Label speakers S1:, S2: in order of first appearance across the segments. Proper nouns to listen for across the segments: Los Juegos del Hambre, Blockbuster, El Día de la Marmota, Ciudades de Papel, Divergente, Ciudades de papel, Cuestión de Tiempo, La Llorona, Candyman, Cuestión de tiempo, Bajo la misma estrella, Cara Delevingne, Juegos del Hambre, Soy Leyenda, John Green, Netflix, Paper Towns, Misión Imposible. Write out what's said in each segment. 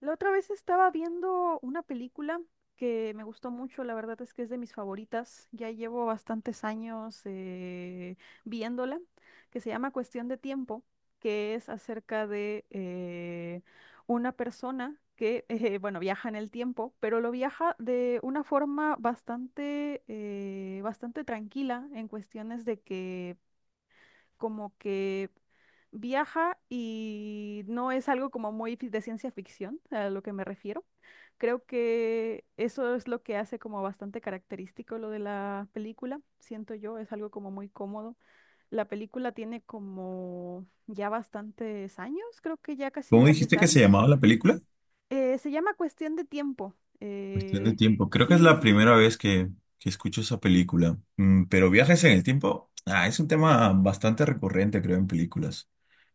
S1: La otra vez estaba viendo una película que me gustó mucho, la verdad es que es de mis favoritas, ya llevo bastantes años viéndola, que se llama Cuestión de Tiempo, que es acerca de una persona que, bueno, viaja en el tiempo, pero lo viaja de una forma bastante, bastante tranquila en cuestiones de que como que viaja y no es algo como muy de ciencia ficción, a lo que me refiero. Creo que eso es lo que hace como bastante característico lo de la película, siento yo, es algo como muy cómodo. La película tiene como ya bastantes años, creo que ya casi
S2: ¿Cómo
S1: los 10
S2: dijiste que se
S1: años.
S2: llamaba la película?
S1: Se llama Cuestión de Tiempo.
S2: Cuestión de tiempo. Creo que es
S1: Sí,
S2: la
S1: sí, sí.
S2: primera vez que escucho esa película. Mm, pero viajes en el tiempo, es un tema bastante recurrente, creo, en películas.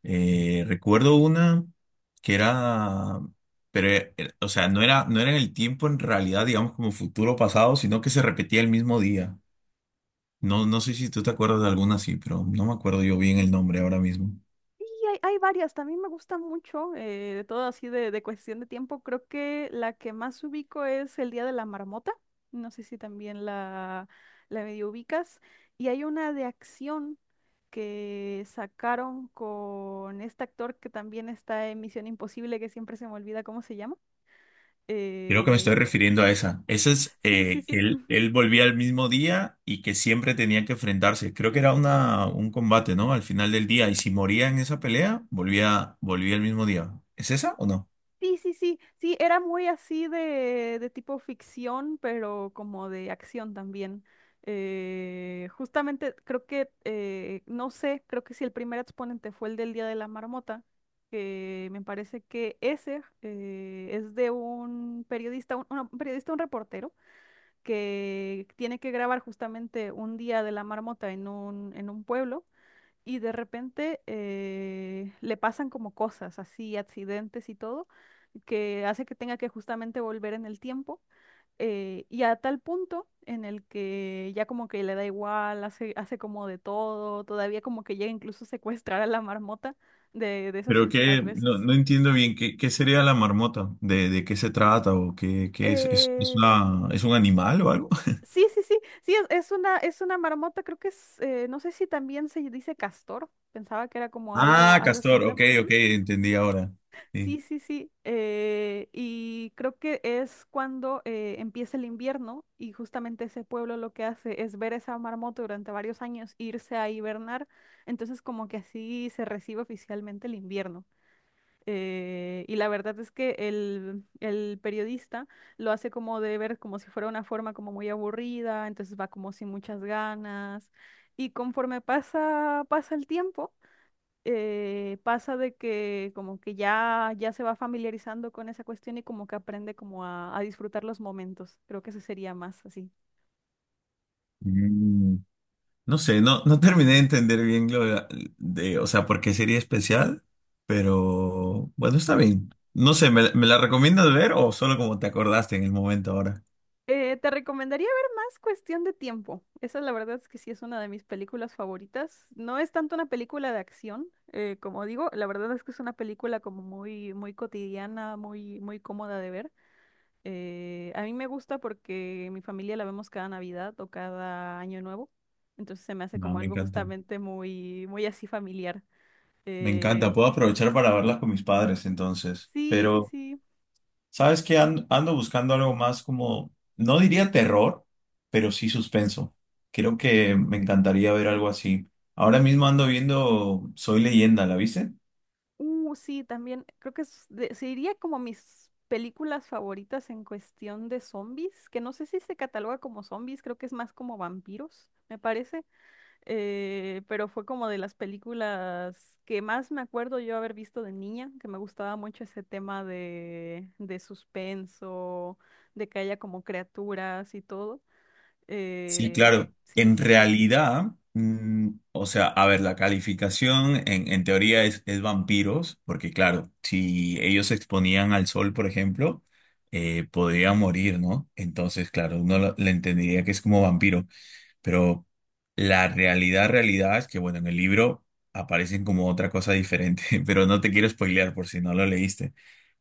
S2: Recuerdo una que era, pero, o sea, no era en el tiempo en realidad, digamos, como futuro o pasado, sino que se repetía el mismo día. No sé si tú te acuerdas de alguna así, pero no me acuerdo yo bien el nombre ahora mismo.
S1: Sí, hay varias, también me gusta mucho, de todo así de cuestión de tiempo. Creo que la que más ubico es El Día de la Marmota. No sé si también la medio ubicas. Y hay una de acción que sacaron con este actor que también está en Misión Imposible, que siempre se me olvida cómo se llama.
S2: Creo que me
S1: Eh,
S2: estoy refiriendo a esa. Esa es
S1: sí, sí,
S2: que
S1: sí.
S2: él volvía el mismo día y que siempre tenía que enfrentarse. Creo que era un combate, ¿no? Al final del día. Y si moría en esa pelea, volvía el mismo día. ¿Es esa o no?
S1: Sí, sí, sí, sí, era muy así de tipo ficción, pero como de acción también. Justamente creo que, no sé, creo que si el primer exponente fue el del Día de la Marmota, que me parece que ese es de un periodista, un periodista, un reportero, que tiene que grabar justamente un Día de la Marmota en en un pueblo y de repente le pasan como cosas así, accidentes y todo, que hace que tenga que justamente volver en el tiempo y a tal punto en el que ya como que le da igual, hace, hace como de todo, todavía como que llega incluso a secuestrar a la marmota de esas
S2: Pero que
S1: últimas veces.
S2: no entiendo bien qué, qué sería la marmota, de qué se trata o qué, es
S1: Eh,
S2: una, es un animal o algo.
S1: sí, sí, sí, sí, es una marmota, creo que es, no sé si también se dice castor, pensaba que era como algo,
S2: Ah,
S1: algo
S2: castor,
S1: similar.
S2: ok, ok, entendí ahora.
S1: Sí,
S2: Sí.
S1: sí, sí. Y creo que es cuando empieza el invierno y justamente ese pueblo lo que hace es ver esa marmota durante varios años, irse a hibernar. Entonces como que así se recibe oficialmente el invierno. Y la verdad es que el periodista lo hace como de ver como si fuera una forma como muy aburrida, entonces va como sin muchas ganas. Y conforme pasa, pasa el tiempo pasa de que como que ya, ya se va familiarizando con esa cuestión y como que aprende como a disfrutar los momentos. Creo que eso sería más así.
S2: Mm. No sé, no terminé de entender bien lo de, o sea, por qué sería especial, pero bueno, está bien. No sé, me la recomiendas ver o solo como te acordaste en el momento ahora?
S1: Te recomendaría ver más Cuestión de Tiempo. Esa la verdad es que sí es una de mis películas favoritas. No es tanto una película de acción, como digo, la verdad es que es una película como muy, muy cotidiana, muy, muy cómoda de ver. A mí me gusta porque mi familia la vemos cada Navidad o cada Año Nuevo, entonces se me hace
S2: No,
S1: como
S2: me
S1: algo
S2: encanta.
S1: justamente muy, muy así familiar.
S2: Me encanta,
S1: Eh,
S2: puedo aprovechar para verlas con mis padres entonces.
S1: sí, sí,
S2: Pero,
S1: sí.
S2: ¿sabes qué? Ando buscando algo más como, no diría terror, pero sí suspenso. Creo que me encantaría ver algo así. Ahora mismo ando viendo Soy Leyenda, ¿la viste?
S1: Sí, también creo que es se diría como mis películas favoritas en cuestión de zombies, que no sé si se cataloga como zombies, creo que es más como vampiros, me parece. Pero fue como de las películas que más me acuerdo yo haber visto de niña, que me gustaba mucho ese tema de suspenso, de que haya como criaturas y todo.
S2: Sí,
S1: Eh,
S2: claro.
S1: sí,
S2: En
S1: sí, sí.
S2: realidad, mm, o sea, a ver, la calificación en teoría es vampiros, porque claro, si ellos se exponían al sol, por ejemplo, podrían morir, ¿no? Entonces, claro, le entendería que es como vampiro. Pero realidad es que, bueno, en el libro aparecen como otra cosa diferente, pero no te quiero spoilear por si no lo leíste.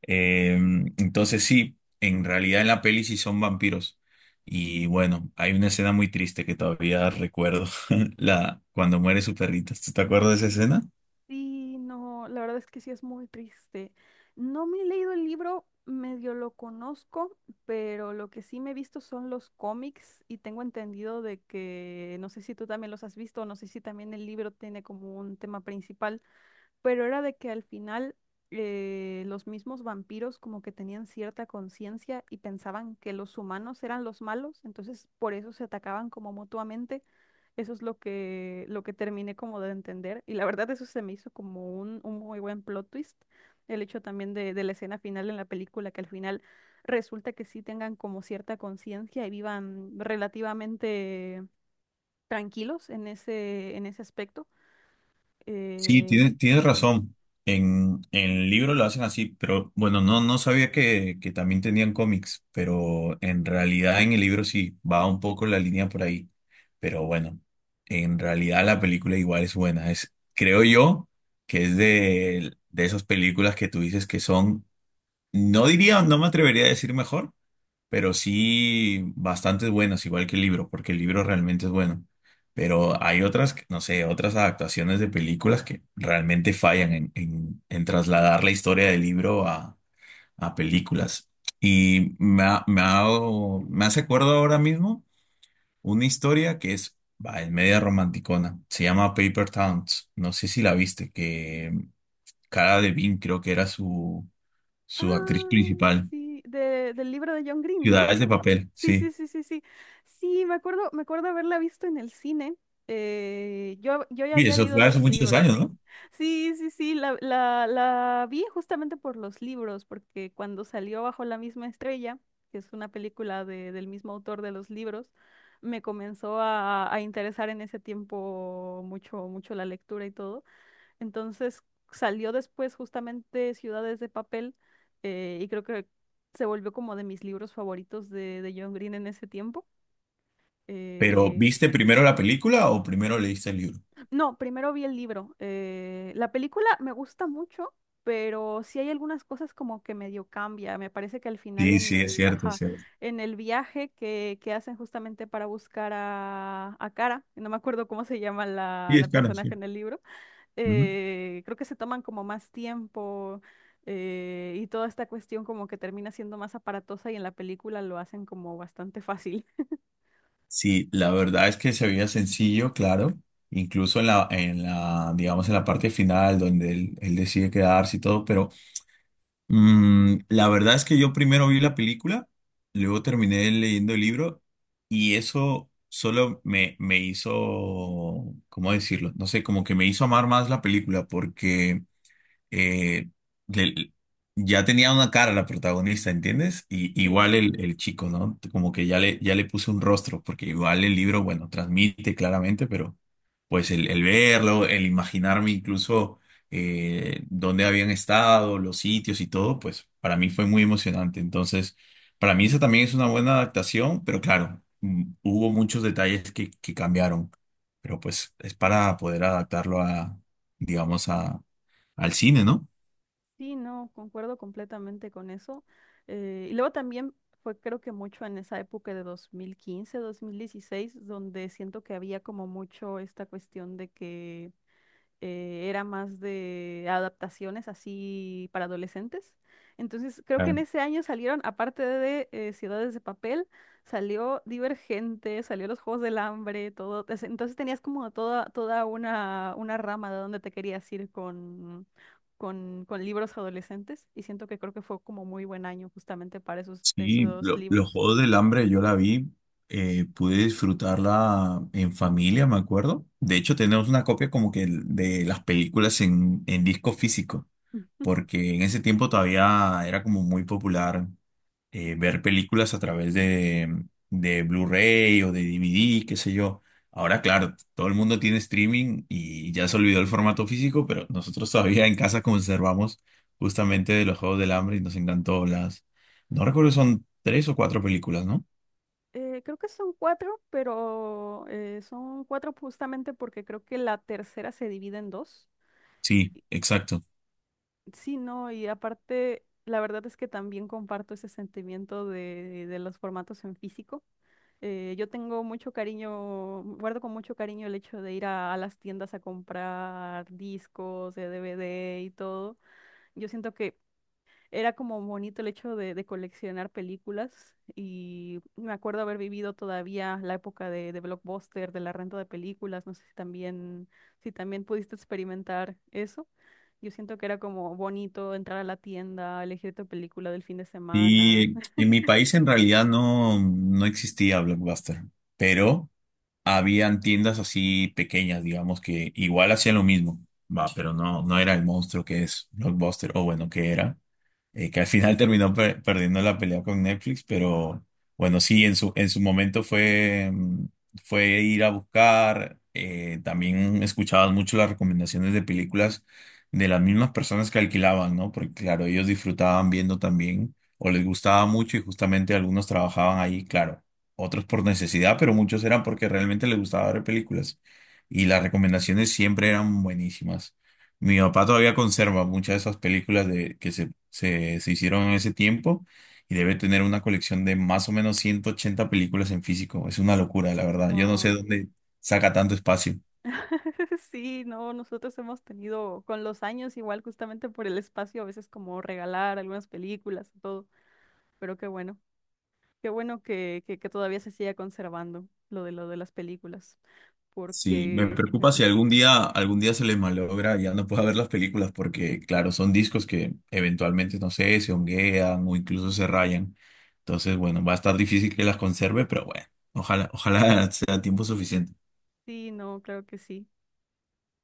S2: Eh, entonces sí, en realidad en la peli sí son vampiros. Y bueno, hay una escena muy triste que todavía recuerdo, la, cuando muere su perrito. ¿Tú te acuerdas de esa escena?
S1: Sí, no, la verdad es que sí es muy triste. No me he leído el libro, medio lo conozco, pero lo que sí me he visto son los cómics y tengo entendido de que, no sé si tú también los has visto, no sé si también el libro tiene como un tema principal. Pero era de que al final los mismos vampiros como que tenían cierta conciencia y pensaban que los humanos eran los malos, entonces por eso se atacaban como mutuamente. Eso es lo que terminé como de entender. Y la verdad eso se me hizo como un muy buen plot twist. El hecho también de la escena final en la película, que al final resulta que sí tengan como cierta conciencia y vivan relativamente tranquilos en ese aspecto.
S2: Sí,
S1: Eh,
S2: tienes
S1: sí.
S2: razón. En el libro lo hacen así, pero bueno, no sabía que también tenían cómics, pero en realidad en el libro sí va un poco la línea por ahí. Pero bueno, en realidad la película igual es buena. Es, creo yo que es de esas películas que tú dices que son, no diría, no me atrevería a decir mejor, pero sí bastante buenas, igual que el libro, porque el libro realmente es bueno. Pero hay otras, no sé, otras adaptaciones de películas que realmente fallan en trasladar la historia del libro a películas. Y me hace acuerdo ahora mismo una historia que es, va, es media romanticona. Se llama Paper Towns. No sé si la viste, que Cara Delevingne creo que era
S1: Ay,
S2: su actriz principal.
S1: sí, del libro de John Green, ¿no?
S2: Ciudades de papel,
S1: Sí,
S2: sí.
S1: sí, sí, sí, sí. Sí, me acuerdo haberla visto en el cine. Yo ya
S2: Sí,
S1: había
S2: eso
S1: leído
S2: fue hace
S1: los
S2: muchos años,
S1: libros.
S2: ¿no?
S1: Sí, sí, sí, la vi justamente por los libros, porque cuando salió Bajo la misma estrella, que es una película del mismo autor de los libros, me comenzó a interesar en ese tiempo mucho, mucho la lectura y todo. Entonces salió después justamente Ciudades de Papel y creo que se volvió como de mis libros favoritos de John Green en ese tiempo.
S2: Pero
S1: Eh,
S2: ¿viste primero la película o primero leíste el libro?
S1: no, primero vi el libro. La película me gusta mucho, pero sí hay algunas cosas como que medio cambia. Me parece que al final
S2: Sí,
S1: en
S2: sí, es
S1: el,
S2: cierto, es
S1: ajá,
S2: cierto.
S1: en el viaje que hacen justamente para buscar a Cara, no me acuerdo cómo se llama
S2: Sí,
S1: la
S2: es claro, sí.
S1: personaje en el libro
S2: Ujú.
S1: creo que se toman como más tiempo y toda esta cuestión como que termina siendo más aparatosa y en la película lo hacen como bastante fácil.
S2: Sí, la verdad es que se veía sencillo, claro. Incluso en digamos, en la parte final donde él decide quedarse y todo, pero mm, la verdad es que yo primero vi la película, luego terminé leyendo el libro y eso solo me hizo, ¿cómo decirlo? No sé, como que me hizo amar más la película porque eh, le- ya tenía una cara la protagonista, ¿entiendes? Y
S1: Sí,
S2: igual
S1: sí, sí.
S2: el chico, ¿no? Como que ya ya le puso un rostro, porque igual el libro, bueno, transmite claramente, pero pues el verlo, el imaginarme incluso dónde habían estado, los sitios y todo, pues para mí fue muy emocionante. Entonces, para mí esa también es una buena adaptación, pero claro, mm, hubo muchos detalles que cambiaron, pero pues es para poder adaptarlo digamos, a, al cine, ¿no?
S1: Sí, no, concuerdo completamente con eso. Y luego también fue creo que mucho en esa época de 2015, 2016, donde siento que había como mucho esta cuestión de que era más de adaptaciones así para adolescentes. Entonces, creo que
S2: Claro.
S1: en ese año salieron, aparte de Ciudades de Papel, salió Divergente, salió Los Juegos del Hambre, todo. Entonces tenías como toda, toda una rama de donde te querías ir con libros adolescentes y siento que creo que fue como muy buen año justamente para esos,
S2: Sí,
S1: esos
S2: los
S1: libros.
S2: Juegos del Hambre yo la vi, pude disfrutarla en familia, me acuerdo. De hecho, tenemos una copia como que de las películas en disco físico, porque en ese tiempo todavía era como muy popular ver películas a través de Blu-ray o de DVD, qué sé yo. Ahora, claro, todo el mundo tiene streaming y ya se olvidó el formato físico, pero nosotros todavía en casa conservamos justamente de los Juegos del Hambre y nos encantó las... No recuerdo, son tres o cuatro películas, ¿no?
S1: Creo que son cuatro, pero son cuatro justamente porque creo que la tercera se divide en dos.
S2: Sí,
S1: Y,
S2: exacto.
S1: sí, no, y aparte, la verdad es que también comparto ese sentimiento de los formatos en físico. Yo tengo mucho cariño, guardo con mucho cariño el hecho de ir a las tiendas a comprar discos de DVD y todo. Yo siento que era como bonito el hecho de coleccionar películas y me acuerdo haber vivido todavía la época de Blockbuster, de la renta de películas, no sé si también, si también pudiste experimentar eso. Yo siento que era como bonito entrar a la tienda, elegir tu película del fin de semana.
S2: Y en mi país en realidad no existía Blockbuster, pero habían tiendas así pequeñas, digamos, que igual hacían lo mismo, va, pero no era el monstruo que es Blockbuster, o bueno, que era que al final terminó perdiendo la pelea con Netflix, pero bueno, sí, en en su momento fue, mm, fue ir a buscar, también escuchaban mucho las recomendaciones de películas de las mismas personas que alquilaban, ¿no? Porque claro, ellos disfrutaban viendo también, o les gustaba mucho y justamente algunos trabajaban ahí, claro, otros por necesidad, pero muchos eran porque realmente les gustaba ver películas. Y las recomendaciones siempre eran buenísimas. Mi papá todavía conserva muchas de esas películas de, se hicieron en ese tiempo y debe tener una colección de más o menos 180 películas en físico. Es una locura, la verdad. Yo no sé
S1: Wow.
S2: dónde saca tanto espacio.
S1: Sí, no, nosotros hemos tenido con los años igual justamente por el espacio, a veces como regalar algunas películas y todo, pero qué bueno. Qué bueno que todavía se siga conservando lo de las películas,
S2: Sí, me
S1: porque
S2: preocupa si
S1: ujú,
S2: algún algún día se les malogra y ya no pueda ver las películas porque, claro, son discos que eventualmente, no sé, se honguean o incluso se rayan. Entonces, bueno, va a estar difícil que las conserve, pero bueno, ojalá sea tiempo suficiente.
S1: sí, no, claro que sí.